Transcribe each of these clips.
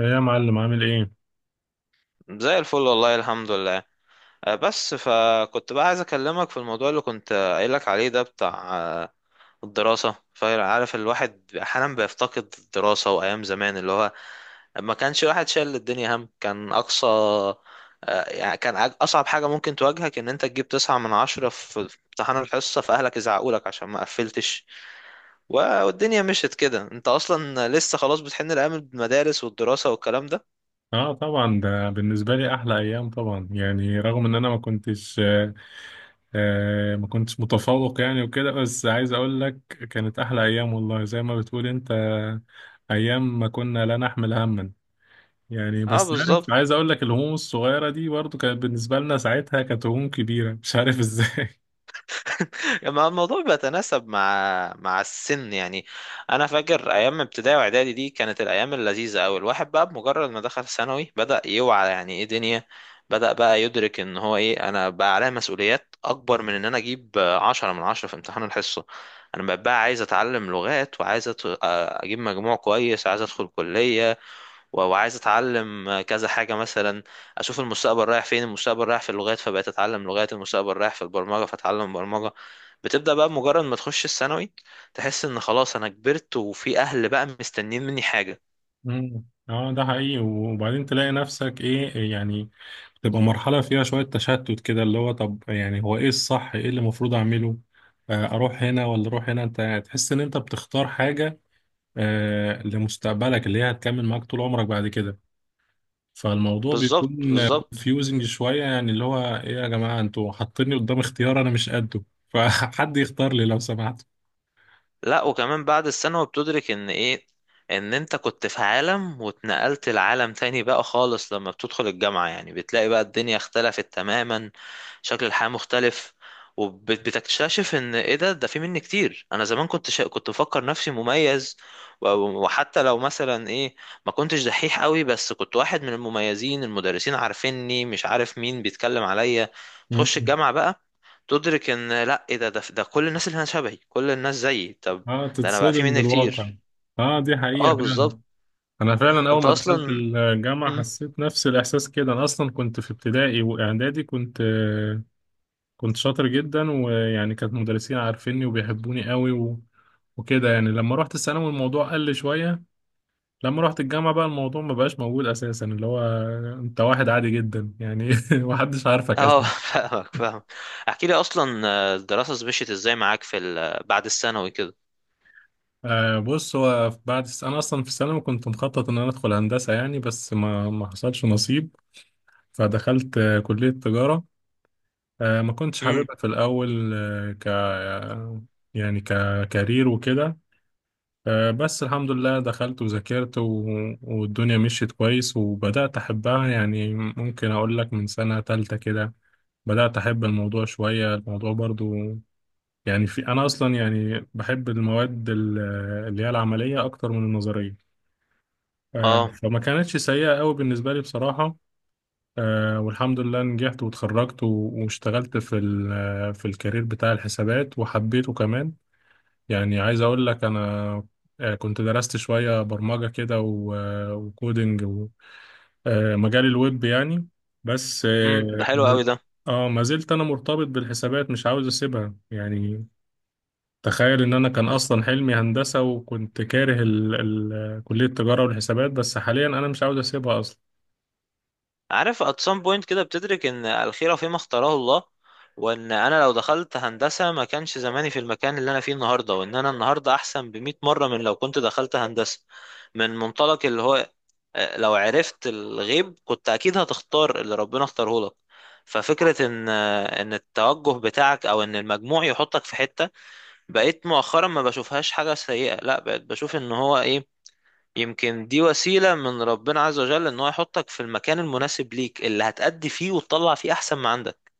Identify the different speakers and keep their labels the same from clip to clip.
Speaker 1: إيه يا معلم عامل ايه؟
Speaker 2: زي الفل والله الحمد لله. بس فكنت بقى عايز اكلمك في الموضوع اللي كنت قايلك عليه ده بتاع الدراسة. فعارف الواحد احيانا بيفتقد الدراسة وايام زمان اللي هو ما كانش الواحد شايل الدنيا هم. كان اقصى يعني كان اصعب حاجة ممكن تواجهك ان انت تجيب تسعة من عشرة في امتحان الحصة، فاهلك يزعقولك عشان ما قفلتش. والدنيا مشيت كده. انت اصلا لسه خلاص بتحن لايام المدارس والدراسة والكلام ده.
Speaker 1: اه طبعا ده بالنسبة لي احلى ايام طبعا يعني رغم ان انا ما كنتش ما كنتش متفوق يعني وكده بس عايز اقول لك كانت احلى ايام والله زي ما بتقول انت ايام ما كنا لا نحمل هما. يعني
Speaker 2: اه
Speaker 1: بس عارف
Speaker 2: بالظبط.
Speaker 1: عايز اقول لك الهموم الصغيرة دي برضو كانت بالنسبة لنا ساعتها كانت هموم كبيرة مش عارف ازاي.
Speaker 2: ما الموضوع بيتناسب مع السن يعني. انا فاكر ايام ابتدائي واعدادي دي كانت الايام اللذيذه قوي. الواحد بقى بمجرد ما دخل ثانوي بدأ يوعى يعني ايه دنيا. بدأ بقى يدرك ان هو ايه، انا بقى عليا مسؤوليات اكبر من ان انا اجيب عشرة من عشرة في امتحان الحصه. انا بقى عايز اتعلم لغات، وعايز اجيب مجموع كويس، عايز ادخل كليه. وعايز اتعلم كذا حاجه مثلا. اشوف المستقبل رايح فين. المستقبل رايح في اللغات فبقيت اتعلم لغات. المستقبل رايح في البرمجه فاتعلم برمجه. بتبدا بقى مجرد ما تخش الثانوي تحس ان خلاص انا كبرت، وفي اهل بقى مستنيين مني حاجه.
Speaker 1: مم. اه ده حقيقي، وبعدين تلاقي نفسك ايه يعني؟ تبقى مرحلة فيها شوية تشتت كده، اللي هو طب يعني هو ايه الصح، ايه اللي المفروض اعمله؟ اروح هنا ولا اروح هنا، انت تحس ان انت بتختار حاجة لمستقبلك اللي هي هتكمل معاك طول عمرك بعد كده، فالموضوع بيكون
Speaker 2: بالظبط بالظبط.
Speaker 1: confusing شوية. يعني اللي هو ايه يا جماعة، انتوا حاطيني قدام اختيار انا مش قده، فحد يختار لي لو سمحت.
Speaker 2: لا، وكمان بعد الثانوي بتدرك ان ايه، ان انت كنت في عالم واتنقلت لعالم تاني بقى خالص. لما بتدخل الجامعة يعني بتلاقي بقى الدنيا اختلفت تماما. شكل الحياة مختلف. وبتكتشف ان ايه، ده في مني كتير. انا زمان كنت كنت بفكر نفسي مميز. و- وحتى لو مثلا ايه، ما كنتش دحيح قوي بس كنت واحد من المميزين، المدرسين عارفيني، مش عارف مين بيتكلم عليا. تخش
Speaker 1: مم.
Speaker 2: الجامعة بقى تدرك ان لا، ايه ده كل الناس اللي هنا شبهي، كل الناس زيي. طب
Speaker 1: اه
Speaker 2: ده انا بقى في
Speaker 1: تتصدم
Speaker 2: مني
Speaker 1: بالواقع.
Speaker 2: كتير.
Speaker 1: اه دي حقيقة
Speaker 2: اه
Speaker 1: فعلا.
Speaker 2: بالظبط.
Speaker 1: انا فعلا اول
Speaker 2: انت
Speaker 1: ما دخلت
Speaker 2: اصلا.
Speaker 1: الجامعه
Speaker 2: مم.
Speaker 1: حسيت نفس الاحساس كده، انا اصلا كنت في ابتدائي واعدادي كنت شاطر جدا، ويعني كانت مدرسين عارفيني وبيحبوني قوي وكده. يعني لما رحت الثانوي الموضوع قل شويه، لما رحت الجامعه بقى الموضوع ما بقاش موجود اساسا، اللي هو انت واحد عادي جدا يعني محدش عارفك
Speaker 2: اه.
Speaker 1: اصلا.
Speaker 2: فاهمك. احكي لي اصلا، الدراسة مشيت ازاي معاك في بعد الثانوي كده؟
Speaker 1: بص، هو انا اصلا في الثانوي كنت مخطط ان انا ادخل هندسه يعني، بس ما حصلش نصيب. فدخلت كليه تجاره. ما كنتش
Speaker 2: امم.
Speaker 1: حاببها في الأول، آه، ك يعني ككارير وكده. بس الحمد لله دخلت وذاكرت والدنيا مشيت كويس، وبدأت أحبها. يعني ممكن أقول لك من سنة تالتة كده بدأت أحب الموضوع شوية، الموضوع برضو يعني في أنا أصلا يعني بحب اللي هي العملية أكتر من النظرية.
Speaker 2: اه.
Speaker 1: فما كانتش سيئة قوي بالنسبة لي بصراحة. والحمد لله نجحت واتخرجت واشتغلت في الكارير بتاع الحسابات وحبيته كمان. يعني عايز اقول لك انا كنت درست شوية برمجة كده وكودينج ومجال الويب يعني. بس
Speaker 2: امم، ده
Speaker 1: اه
Speaker 2: حلو قوي
Speaker 1: ما
Speaker 2: ده.
Speaker 1: ما زلت انا مرتبط بالحسابات، مش عاوز اسيبها يعني. تخيل ان انا كان اصلا حلمي هندسة، وكنت كاره ال كلية التجارة والحسابات، بس حاليا انا مش عاوز اسيبها.
Speaker 2: عارف at some point كده بتدرك ان الخيرة فيما اختاره الله. وان انا لو دخلت هندسة ما كانش زماني في المكان اللي انا فيه النهاردة، وان انا النهاردة احسن بمئة مرة من لو كنت دخلت هندسة. من منطلق اللي هو لو عرفت الغيب كنت اكيد هتختار اللي ربنا اختاره لك. ففكرة ان ان التوجه بتاعك او ان المجموع يحطك في حتة، بقيت مؤخرا ما بشوفهاش حاجة سيئة. لا، بقيت بشوف ان هو ايه، يمكن دي وسيلة من ربنا عز وجل ان هو يحطك في المكان المناسب ليك، اللي هتأدي فيه وتطلع فيه احسن ما عندك.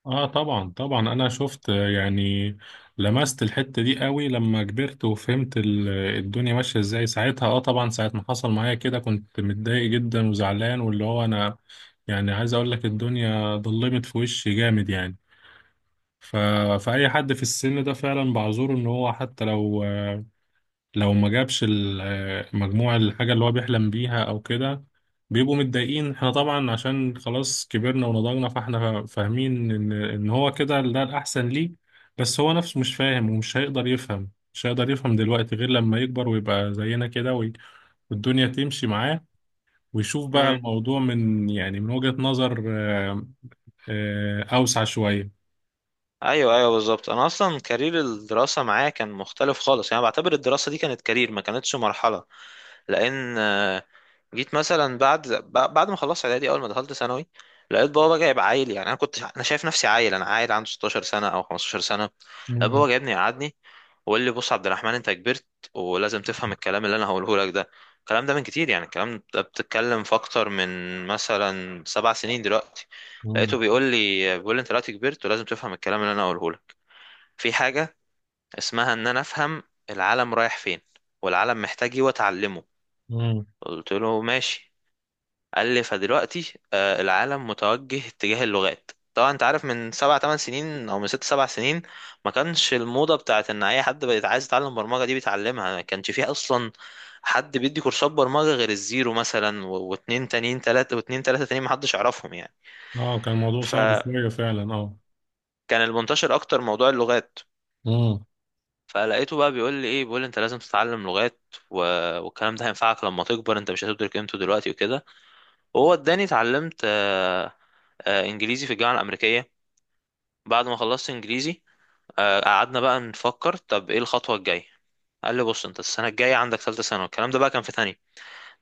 Speaker 1: اه طبعا طبعا، انا شفت يعني لمست الحتة دي قوي لما كبرت وفهمت الدنيا ماشية ازاي ساعتها. اه طبعا ساعة ما حصل معايا كده كنت متضايق جدا وزعلان، واللي هو انا يعني عايز اقول لك الدنيا ضلمت في وشي جامد يعني. ف... فأي حد في السن ده فعلا بعذره، ان هو حتى لو لو ما جابش المجموعة، الحاجة اللي هو بيحلم بيها أو كده، بيبقوا متضايقين. احنا طبعا عشان خلاص كبرنا ونضجنا، فاحنا فاهمين إن هو كده ده الأحسن ليه، بس هو نفسه مش فاهم ومش هيقدر يفهم، مش هيقدر يفهم دلوقتي غير لما يكبر ويبقى زينا كده والدنيا تمشي معاه، ويشوف بقى
Speaker 2: امم.
Speaker 1: الموضوع من يعني من وجهة نظر أوسع شوية.
Speaker 2: ايوه ايوه بالظبط. انا اصلا كارير الدراسة معايا كان مختلف خالص. يعني بعتبر الدراسة دي كانت كارير، ما كانتش مرحلة. لان جيت مثلا بعد بعد ما خلصت اعدادي، اول ما دخلت ثانوي لقيت بابا جايب عيل. يعني انا كنت، انا شايف نفسي عيل، انا عيل عنده 16 سنة او 15 سنة. لقيت
Speaker 1: مم.
Speaker 2: بابا جايبني يقعدني وقال لي: بص عبد الرحمن، انت كبرت ولازم تفهم الكلام اللي انا هقوله لك ده. الكلام ده من كتير، يعني الكلام ده بتتكلم في اكتر من مثلا 7 سنين دلوقتي.
Speaker 1: مم.
Speaker 2: لقيته بيقول لي، بيقول لي: انت دلوقتي كبرت ولازم تفهم الكلام اللي انا هقوله لك. في حاجة اسمها ان انا افهم العالم رايح فين، والعالم محتاج ايه، واتعلمه.
Speaker 1: مم.
Speaker 2: قلت له ماشي. قال لي: فدلوقتي العالم متوجه اتجاه اللغات. طبعا انت عارف من سبع تمن سنين او من ست سبع سنين ما كانش الموضة بتاعت ان اي حد بقى عايز يتعلم برمجة دي بيتعلمها. ما كانش فيه اصلا حد بيدي كورسات برمجة غير الزيرو مثلا واتنين تانيين تلاتة، واتنين تلاتة تانيين محدش يعرفهم يعني.
Speaker 1: اه كان الموضوع صعب
Speaker 2: فكان
Speaker 1: شوية فعلا اه.
Speaker 2: المنتشر اكتر موضوع اللغات.
Speaker 1: مم.
Speaker 2: فلقيته بقى بيقول لي ايه، بيقول لي: انت لازم تتعلم لغات. و... والكلام ده هينفعك لما تكبر، انت مش هتدرك قيمته دلوقتي وكده. وهو اداني، اتعلمت انجليزي في الجامعة الامريكية. بعد ما خلصت انجليزي، قعدنا بقى نفكر طب ايه الخطوه الجايه. قال لي: بص انت السنه الجايه عندك ثالثه ثانوي، الكلام ده بقى كان في تانية،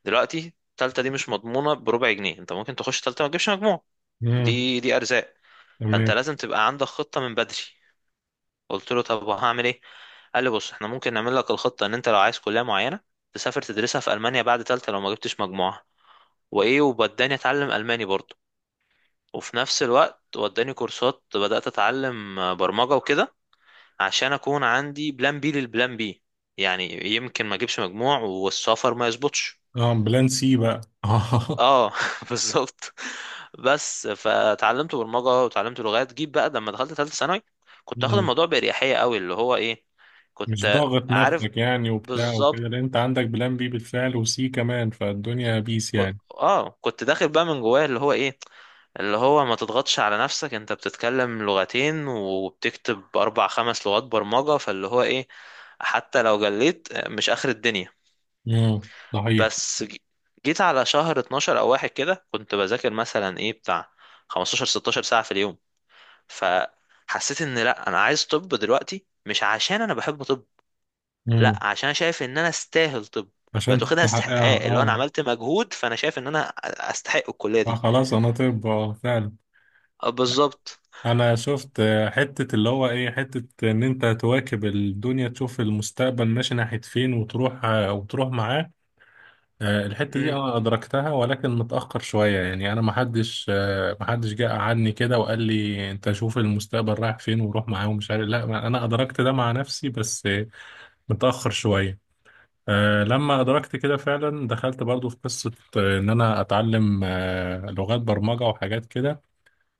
Speaker 2: دلوقتي الثالثه دي مش مضمونه بربع جنيه، انت ممكن تخش ثالثه ما تجيبش مجموع.
Speaker 1: مم.
Speaker 2: دي دي ارزاق. فانت
Speaker 1: تمام.
Speaker 2: لازم تبقى عندك خطه من بدري. قلت له طب وهعمل ايه؟ قال لي: بص احنا ممكن نعمل لك الخطه ان انت لو عايز كليه معينه تسافر تدرسها في المانيا بعد ثالثه لو ما جبتش مجموعه. وايه، ووداني اتعلم الماني برضه. وفي نفس الوقت وداني كورسات بدات اتعلم برمجه وكده عشان اكون عندي بلان بي للبلان بي، يعني يمكن ما اجيبش مجموع والسفر ما يظبطش.
Speaker 1: اه بلان سي بقى اه.
Speaker 2: اه بالظبط. بس فتعلمت برمجه وتعلمت لغات. جيب بقى لما دخلت ثالثه ثانوي كنت اخد
Speaker 1: مم.
Speaker 2: الموضوع باريحيه قوي. اللي هو ايه،
Speaker 1: مش
Speaker 2: كنت
Speaker 1: ضاغط
Speaker 2: عارف
Speaker 1: نفسك يعني وبتاع وكده،
Speaker 2: بالظبط.
Speaker 1: لان انت عندك بلان بي بالفعل وسي كمان، فالدنيا بيس يعني.
Speaker 2: اه كنت داخل بقى من جواه اللي هو ايه، اللي هو ما تضغطش على نفسك، انت بتتكلم لغتين وبتكتب اربع خمس لغات برمجه، فاللي هو ايه، حتى لو جليت مش اخر الدنيا.
Speaker 1: صحيح.
Speaker 2: بس جيت على شهر 12 او واحد كده كنت بذاكر مثلا ايه بتاع 15 16 ساعة في اليوم. فحسيت ان لا، انا عايز طب، دلوقتي مش عشان انا بحب طب،
Speaker 1: امم،
Speaker 2: لا عشان أنا شايف ان انا استاهل طب.
Speaker 1: عشان
Speaker 2: بقت واخدها
Speaker 1: تحققها
Speaker 2: استحقاق، اللي هو انا
Speaker 1: اه.
Speaker 2: عملت مجهود فانا شايف ان انا استحق الكلية دي.
Speaker 1: فخلاص انا طب اه فعلا.
Speaker 2: بالظبط.
Speaker 1: انا شفت حتة، اللي هو ايه، حتة ان انت تواكب الدنيا، تشوف المستقبل ماشي ناحية فين وتروح وتروح معاه. الحتة دي
Speaker 2: امم.
Speaker 1: أنا أدركتها ولكن متأخر شوية يعني، أنا محدش محدش جه قعدني كده وقال لي أنت شوف المستقبل رايح فين وروح معاه ومش عارف، لا أنا أدركت ده مع نفسي بس متأخر شوية. لما أدركت كده فعلا دخلت برضو في قصة إن أنا أتعلم لغات برمجة وحاجات كده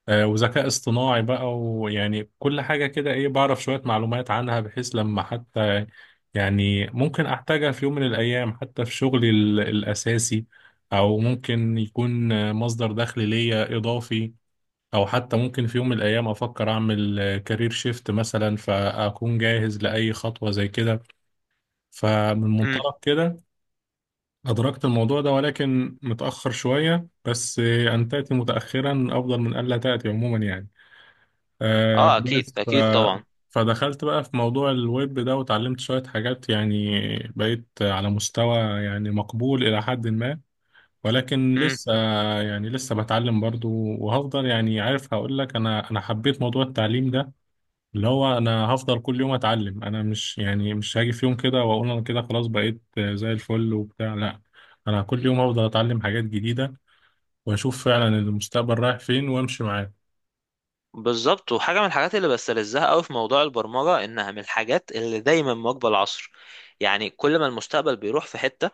Speaker 1: وذكاء اصطناعي بقى، ويعني كل حاجة كده ايه، بعرف شوية معلومات عنها بحيث لما حتى يعني ممكن احتاجها في يوم من الايام، حتى في الاساسي، او ممكن يكون مصدر دخل ليا اضافي، او حتى ممكن في يوم من الايام افكر اعمل كارير شيفت مثلا، فاكون جاهز لاي خطوة زي كده. فمن
Speaker 2: امم.
Speaker 1: منطلق كده أدركت الموضوع ده، ولكن متأخر شوية. بس أن تأتي متأخرا أفضل من ألا تأتي عموما يعني. آه
Speaker 2: اه اكيد
Speaker 1: بس ف...
Speaker 2: اكيد طبعا.
Speaker 1: فدخلت بقى في موضوع الويب ده وتعلمت شوية حاجات يعني، بقيت على مستوى يعني مقبول إلى حد ما، ولكن
Speaker 2: امم.
Speaker 1: لسه يعني لسه بتعلم برضو. وهفضل، يعني عارف هقول لك، أنا حبيت موضوع التعليم ده، اللي هو أنا هفضل كل يوم أتعلم. أنا مش يعني مش هاجي في يوم كده وأقول أنا كده خلاص بقيت زي الفل وبتاع، لا، أنا كل يوم هفضل أتعلم حاجات جديدة، وأشوف فعلا المستقبل رايح فين وأمشي معاه.
Speaker 2: بالظبط. وحاجة من الحاجات اللي بستلذها قوي في موضوع البرمجة انها من الحاجات اللي دايما مواكبة العصر. يعني كل ما المستقبل بيروح في حتة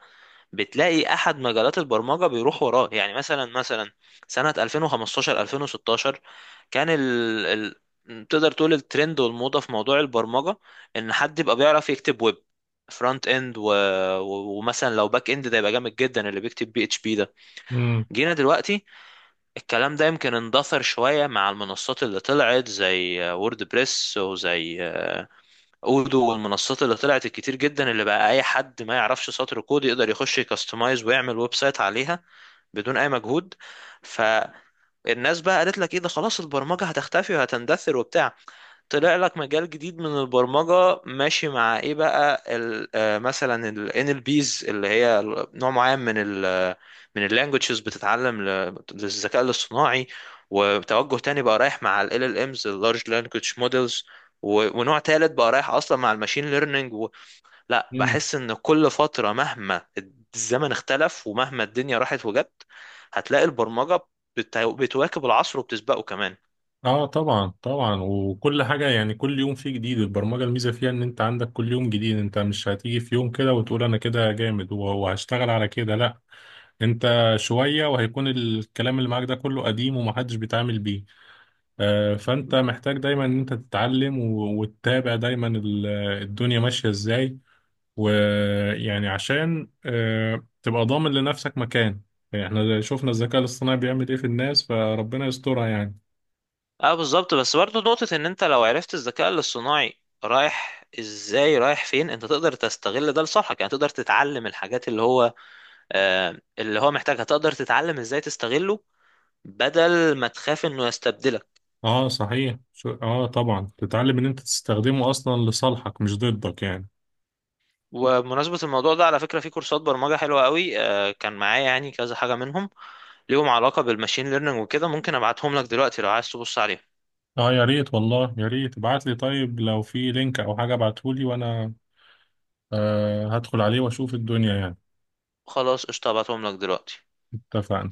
Speaker 2: بتلاقي احد مجالات البرمجه بيروح وراه. يعني مثلا سنه 2015 2016 كان تقدر تقول الترند والموضه في موضوع البرمجه ان حد يبقى بيعرف يكتب ويب فرونت اند، ومثلا لو باك اند ده يبقى جامد جدا، اللي بيكتب بي اتش بي ده. جينا دلوقتي الكلام ده يمكن اندثر شويه مع المنصات اللي طلعت زي وورد بريس وزي اودو، والمنصات اللي طلعت الكتير جدا، اللي بقى اي حد ما يعرفش سطر كود يقدر يخش يكستمايز ويعمل ويب سايت عليها بدون اي مجهود. فالناس بقى قالت لك ايه، ده خلاص البرمجة هتختفي وهتندثر وبتاع. طلع لك مجال جديد من البرمجة ماشي مع ايه بقى، مثلا ال NLPs اللي هي نوع معين من ال من ال languages بتتعلم للذكاء الاصطناعي. وتوجه تاني بقى رايح مع ال LLMs، ال إمز، ال large language models. ونوع تالت بقى رايح اصلا مع الماشين ليرنينج لا،
Speaker 1: امم.
Speaker 2: بحس ان كل فترة مهما الزمن اختلف ومهما الدنيا راحت وجت هتلاقي البرمجة بتواكب العصر وبتسبقه كمان.
Speaker 1: اه طبعا طبعا، وكل حاجة يعني كل يوم فيه جديد. البرمجة الميزة فيها ان انت عندك كل يوم جديد، انت مش هتيجي في يوم كده وتقول انا كده جامد وهشتغل على كده، لا، انت شوية وهيكون الكلام اللي معاك ده كله قديم ومحدش بيتعامل بيه. فانت محتاج دايما ان انت تتعلم وتتابع دايما الدنيا ماشية ازاي، ويعني عشان تبقى ضامن لنفسك مكان. يعني احنا شفنا الذكاء الاصطناعي بيعمل ايه في الناس، فربنا يسترها يعني.
Speaker 2: اه بالظبط. بس برضه نقطة ان انت لو عرفت الذكاء الاصطناعي رايح ازاي رايح فين انت تقدر تستغل ده لصالحك. يعني تقدر تتعلم الحاجات اللي هو اللي هو محتاجها، تقدر تتعلم ازاي تستغله بدل ما تخاف انه يستبدلك.
Speaker 1: اه صحيح، شو اه طبعا، تتعلم ان انت تستخدمه اصلا لصالحك مش ضدك يعني.
Speaker 2: وبمناسبة الموضوع ده على فكرة، في كورسات برمجة حلوة قوي، آه كان معايا يعني كذا حاجة منهم ليهم علاقة بالماشين ليرنينج وكده، ممكن ابعتهم لك دلوقتي لو عايز تبص عليهم.
Speaker 1: اه يا ريت والله، يا ريت ابعت لي، طيب لو في لينك او حاجة ابعتهولي وانا هدخل عليه واشوف الدنيا يعني.
Speaker 2: خلاص قشطة، هبعتهم لك دلوقتي.
Speaker 1: اتفقنا.